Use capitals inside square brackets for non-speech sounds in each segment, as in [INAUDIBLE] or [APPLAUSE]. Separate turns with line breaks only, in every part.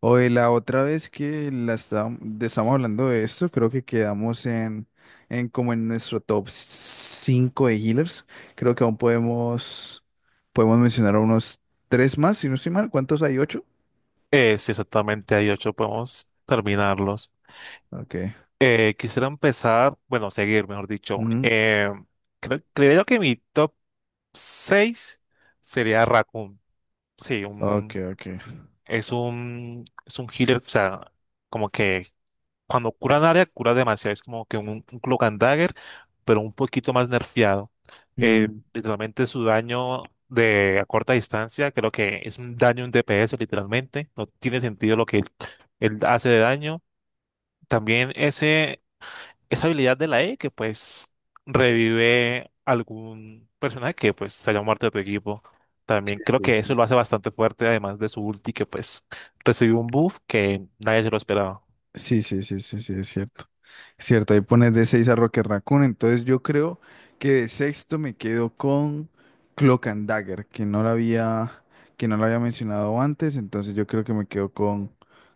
Oye, la otra vez que estábamos hablando de esto, creo que quedamos en como en nuestro top 5 de healers. Creo que podemos mencionar a unos 3 más, si no estoy mal. ¿Cuántos hay? Ocho.
Sí, exactamente, hay ocho, podemos terminarlos.
Ok.
Quisiera empezar, bueno, seguir, mejor dicho.
Ujú.
Creo que mi top 6 sería Raccoon. Sí,
Ok, ok.
es un healer, o sea, como que cuando cura en área, cura demasiado. Es como que un Cloak and Dagger, pero un poquito más nerfeado.
Mm,
Literalmente su daño de a corta distancia, creo que es un daño en DPS, literalmente. No tiene sentido lo que él hace de daño. También esa habilidad de la E que pues revive algún personaje que pues se haya muerto de tu equipo. También creo
sí,
que eso
sí.
lo hace bastante fuerte, además de su ulti que pues recibió un buff que nadie se lo esperaba.
Sí, sí, sí, sí, sí, es cierto. Cierto, ahí pones de 6 a Rocket Raccoon. Entonces yo creo que de sexto me quedo con Cloak and Dagger, que no la había mencionado antes. Entonces yo creo que me quedo con,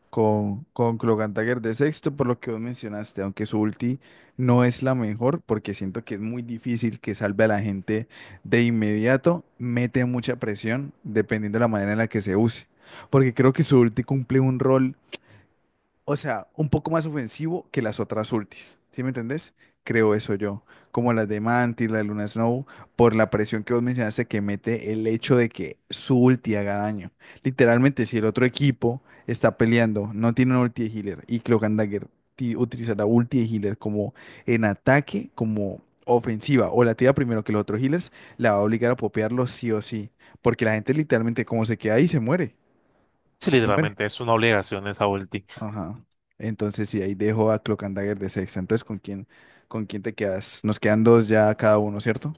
con, con Cloak and Dagger de sexto, por lo que vos mencionaste, aunque su ulti no es la mejor, porque siento que es muy difícil que salve a la gente de inmediato. Mete mucha presión, dependiendo de la manera en la que se use. Porque creo que su ulti cumple un rol, o sea, un poco más ofensivo que las otras ultis, ¿sí me entendés? Creo eso yo, como las de Mantis, la de Luna Snow, por la presión que vos mencionaste que mete el hecho de que su ulti haga daño. Literalmente, si el otro equipo está peleando, no tiene una ulti de healer y Cloak and Dagger utiliza la ulti de healer como en ataque, como ofensiva, o la tira primero que los otros healers, la va a obligar a popearlo sí o sí, porque la gente literalmente como se queda ahí se muere,
Sí,
se muere.
literalmente es una obligación esa ulti.
Ajá. Entonces, sí, ahí dejo a Cloak and Dagger de sexta. Entonces, con quién te quedas? Nos quedan dos ya cada uno, ¿cierto?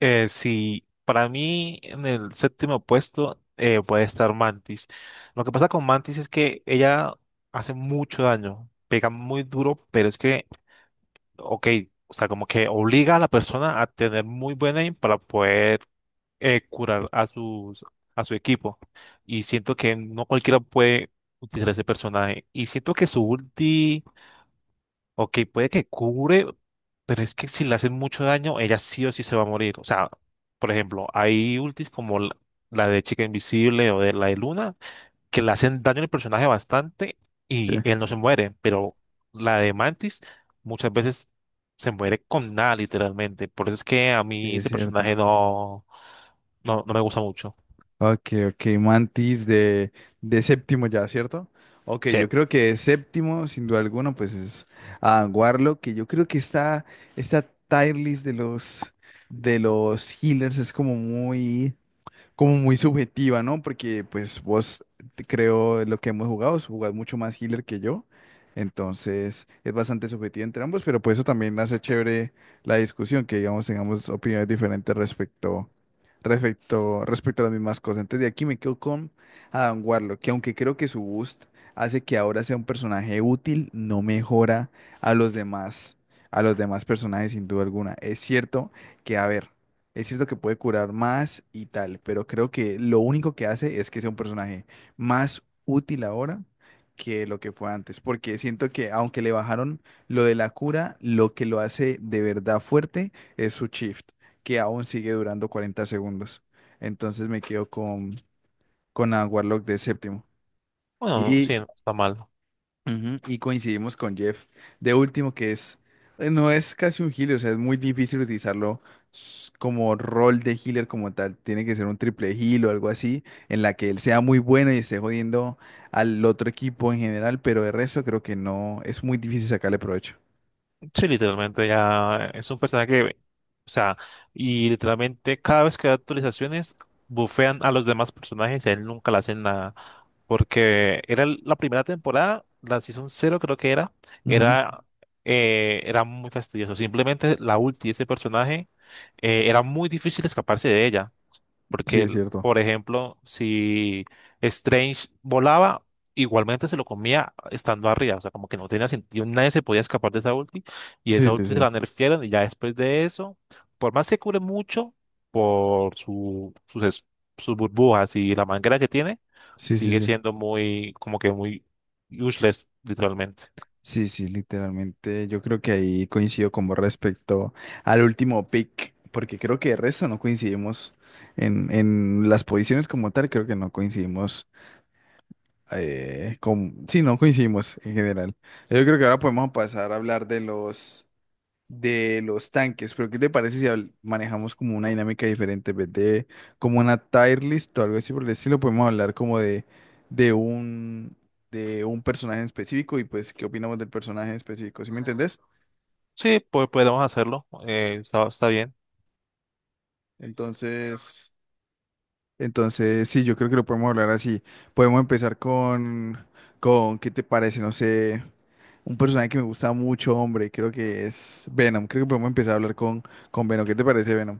Si para mí en el séptimo puesto puede estar Mantis. Lo que pasa con Mantis es que ella hace mucho daño, pega muy duro, pero es que, ok, o sea, como que obliga a la persona a tener muy buen aim para poder curar a a su equipo. Y siento que no cualquiera puede utilizar ese personaje. Y siento que su ulti, ok, puede que cubre, pero es que si le hacen mucho daño, ella sí o sí se va a morir. O sea, por ejemplo, hay ultis como la de Chica Invisible o de la de Luna, que le hacen daño al personaje bastante y
Sí.
él no se muere, pero la de Mantis muchas veces se muere con nada, literalmente. Por eso es que
Sí,
a mí
es
ese
cierto.
personaje no me gusta mucho.
Ok, ok, Mantis de séptimo ya, ¿cierto? Ok,
Sí,
yo creo que de séptimo, sin duda alguna, pues es a Warlock, que yo creo que está, esta tier list de los healers es como muy subjetiva, ¿no? Porque pues vos creo lo que hemos jugado, jugás mucho más healer que yo. Entonces es bastante subjetivo entre ambos, pero por eso también hace chévere la discusión, que digamos tengamos opiniones diferentes respecto a las mismas cosas. Entonces de aquí me quedo con Adam Warlock, que aunque creo que su boost hace que ahora sea un personaje útil, no mejora a los demás, a los demás personajes sin duda alguna. Es cierto que, a ver. Es cierto que puede curar más y tal, pero creo que lo único que hace es que sea un personaje más útil ahora que lo que fue antes, porque siento que aunque le bajaron lo de la cura, lo que lo hace de verdad fuerte es su shift, que aún sigue durando 40 segundos. Entonces me quedo con a Warlock de séptimo.
bueno, no, sí,
Y
no está mal.
Ujú, y coincidimos con Jeff. De último, que es, no es casi un healer, o sea, es muy difícil utilizarlo como rol de healer como tal. Tiene que ser un triple heal o algo así, en la que él sea muy bueno y esté jodiendo al otro equipo en general, pero de resto creo que no, es muy difícil sacarle provecho.
Sí, literalmente ya es un personaje que, o sea, y literalmente cada vez que da actualizaciones, bufean a los demás personajes y a él nunca le hacen nada. Porque la primera temporada, la Season 0 creo que
Ujú.
era, Era muy fastidioso. Simplemente la ulti de ese personaje, era muy difícil escaparse de ella.
Sí,
Porque,
es cierto.
por ejemplo, si Strange volaba, igualmente se lo comía estando arriba. O sea, como que no tenía sentido. Nadie se podía escapar de esa ulti. Y
Sí,
esa
sí,
ulti se
sí.
la nerfearon. Y ya después de eso, por más que cure mucho por sus burbujas y la manguera que tiene,
Sí, sí,
sigue
sí.
siendo muy, como que muy useless, literalmente.
Sí, sí, literalmente. Yo creo que ahí coincido con vos respecto al último pick, porque creo que de resto no coincidimos en las posiciones como tal, creo que no coincidimos con... Sí, no coincidimos en general. Yo creo que ahora podemos pasar a hablar de los tanques, pero ¿qué te parece si manejamos como una dinámica diferente? En vez de como una tier list o algo así por el estilo, podemos hablar como de un, de un personaje en específico y pues qué opinamos del personaje en específico, ¿sí me entendés?
Sí, pues podemos hacerlo. Está bien.
Entonces, entonces sí, yo creo que lo podemos hablar así. Podemos empezar con ¿qué te parece? No sé. Un personaje que me gusta mucho, hombre, creo que es Venom. Creo que podemos empezar a hablar con Venom. ¿Qué te parece, Venom?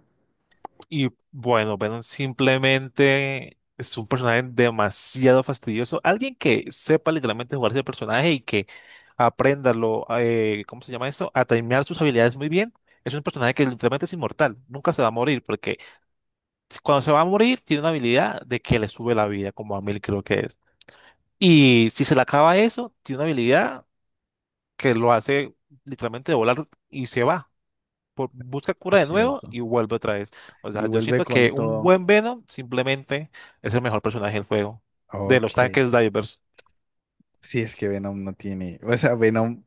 Y bueno, Venom simplemente es un personaje demasiado fastidioso. Alguien que sepa literalmente jugar ese personaje y que aprenda lo, ¿cómo se llama eso? A timear sus habilidades muy bien. Es un personaje que literalmente es inmortal. Nunca se va a morir porque cuando se va a morir tiene una habilidad de que le sube la vida, como a 1.000 creo que es. Y si se le acaba eso, tiene una habilidad que lo hace literalmente volar y se va busca cura
Es
de nuevo
cierto.
y vuelve otra vez. O
Y
sea, yo
vuelve
siento
con
que un
todo.
buen Venom simplemente es el mejor personaje del juego, de los
Ok.
tanques divers.
Sí, es que Venom no tiene. O sea, Venom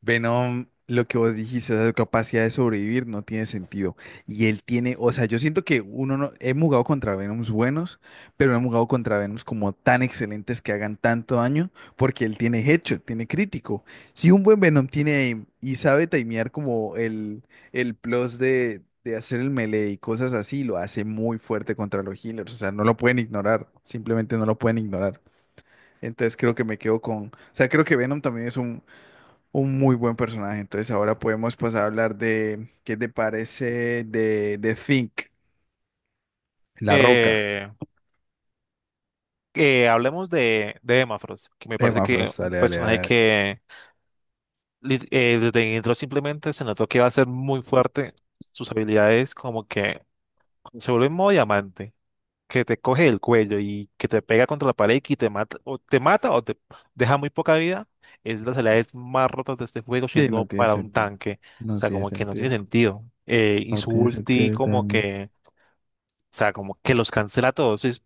Venom, lo que vos dijiste, esa capacidad de sobrevivir no tiene sentido. Y él tiene, o sea, yo siento que uno no, hemos jugado contra Venoms buenos, pero hemos jugado contra Venoms como tan excelentes que hagan tanto daño, porque él tiene headshot, tiene crítico. Si un buen Venom tiene aim y sabe timear como el plus de hacer el melee y cosas así, lo hace muy fuerte contra los healers. O sea, no lo pueden ignorar, simplemente no lo pueden ignorar. Entonces creo que me quedo con, o sea, creo que Venom también es un muy buen personaje. Entonces ahora podemos pasar a hablar de qué te parece de Think, La Roca.
Eh, que hablemos de Emma Frost, que me parece
Emma
que
Frost,
un
dale, dale, dale,
personaje
dale.
que desde que entró simplemente se notó que va a ser muy fuerte. Sus habilidades como que se vuelve modo diamante. Que te coge el cuello y que te pega contra la pared y que te mata o te mata o te deja muy poca vida, es de las habilidades más rotas de este juego
Sí,
siendo
no tiene
para un
sentido.
tanque. O
No
sea,
tiene
como que no tiene
sentido.
sentido. Y
No
su
tiene sentido,
ulti como
literalmente.
que, o sea, como que los cancela a todos. Si, si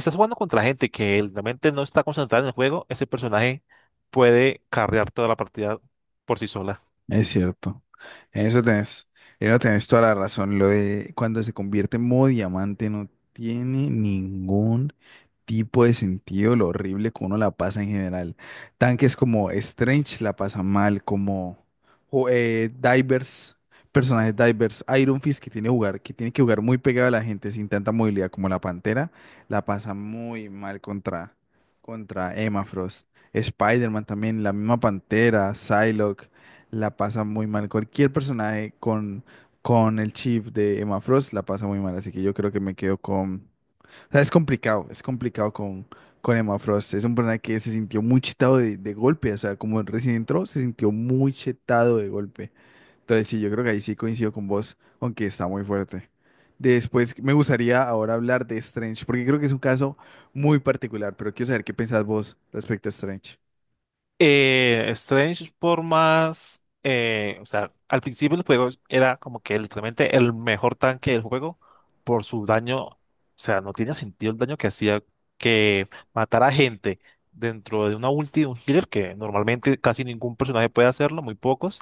estás jugando contra gente que realmente no está concentrada en el juego, ese personaje puede carrear toda la partida por sí sola.
Es cierto. En eso tenés, en eso tenés toda la razón. Lo de cuando se convierte en modo diamante no tiene ningún tipo de sentido lo horrible que uno la pasa en general. Tanques como Strange la pasan mal, como Divers, personajes Divers, Iron Fist que tiene, jugar, que tiene que jugar muy pegado a la gente sin tanta movilidad como la Pantera, la pasa muy mal contra, contra Emma Frost. Spider-Man también, la misma Pantera, Psylocke la pasa muy mal. Cualquier personaje con el Chief de Emma Frost la pasa muy mal. Así que yo creo que me quedo con. O sea, es complicado con Emma Frost. Es un personaje que se sintió muy chetado de golpe. O sea, como recién entró, se sintió muy chetado de golpe. Entonces, sí, yo creo que ahí sí coincido con vos, aunque está muy fuerte. Después me gustaría ahora hablar de Strange, porque creo que es un caso muy particular, pero quiero saber qué pensás vos respecto a Strange.
Strange por más, o sea, al principio del juego era como que literalmente el mejor tanque del juego por su daño, o sea, no tenía sentido el daño que hacía que matara gente dentro de una ulti de un healer que normalmente casi ningún personaje puede hacerlo, muy pocos,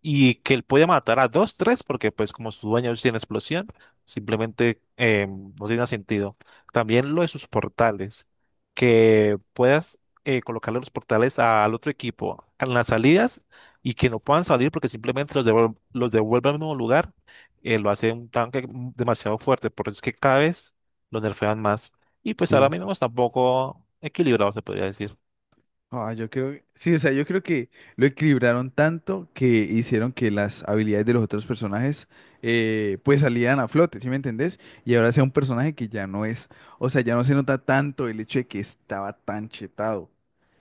y que él puede matar a dos, tres, porque pues como su dueño tiene explosión, simplemente no tiene sentido. También lo de sus portales, que puedas colocarle los portales al otro equipo en las salidas y que no puedan salir porque simplemente los devuelve al mismo lugar, lo hace un tanque demasiado fuerte, por eso es que cada vez lo nerfean más. Y pues ahora
Sí.
mismo está un poco equilibrado, se podría decir. [LAUGHS]
Ah, yo creo, sí, o sea, yo creo que lo equilibraron tanto que hicieron que las habilidades de los otros personajes pues salieran a flote, ¿sí me entendés? Y ahora sea un personaje que ya no es, o sea, ya no se nota tanto el hecho de que estaba tan chetado.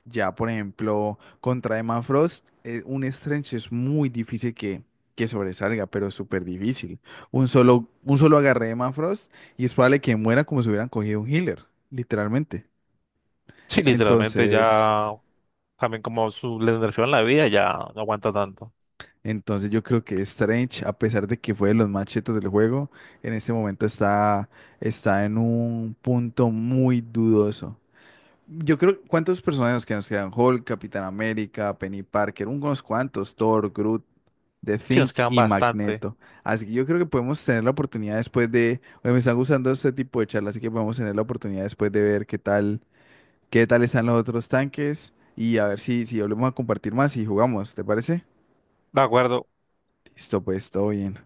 Ya, por ejemplo, contra Emma Frost, un Strange es muy difícil que sobresalga, pero súper difícil. Un solo agarre de Emma Frost y es probable que muera como si hubieran cogido un healer, literalmente.
Sí, literalmente
Entonces...
ya. También como su regeneración en la vida ya no aguanta tanto.
Entonces yo creo que Strange, a pesar de que fue de los más chetos del juego, en este momento está, está en un punto muy dudoso. Yo creo, ¿cuántos personajes que nos quedan? Hulk, Capitán América, Penny Parker, unos cuantos, Thor, Groot, The
Sí,
Thing
nos quedan
y
bastante.
Magneto. Así que yo creo que podemos tener la oportunidad después de, oye, me están gustando este tipo de charlas, así que podemos tener la oportunidad después de ver qué tal están los otros tanques y a ver si, si volvemos a compartir más y jugamos, ¿te parece?
De acuerdo.
Listo, pues todo bien.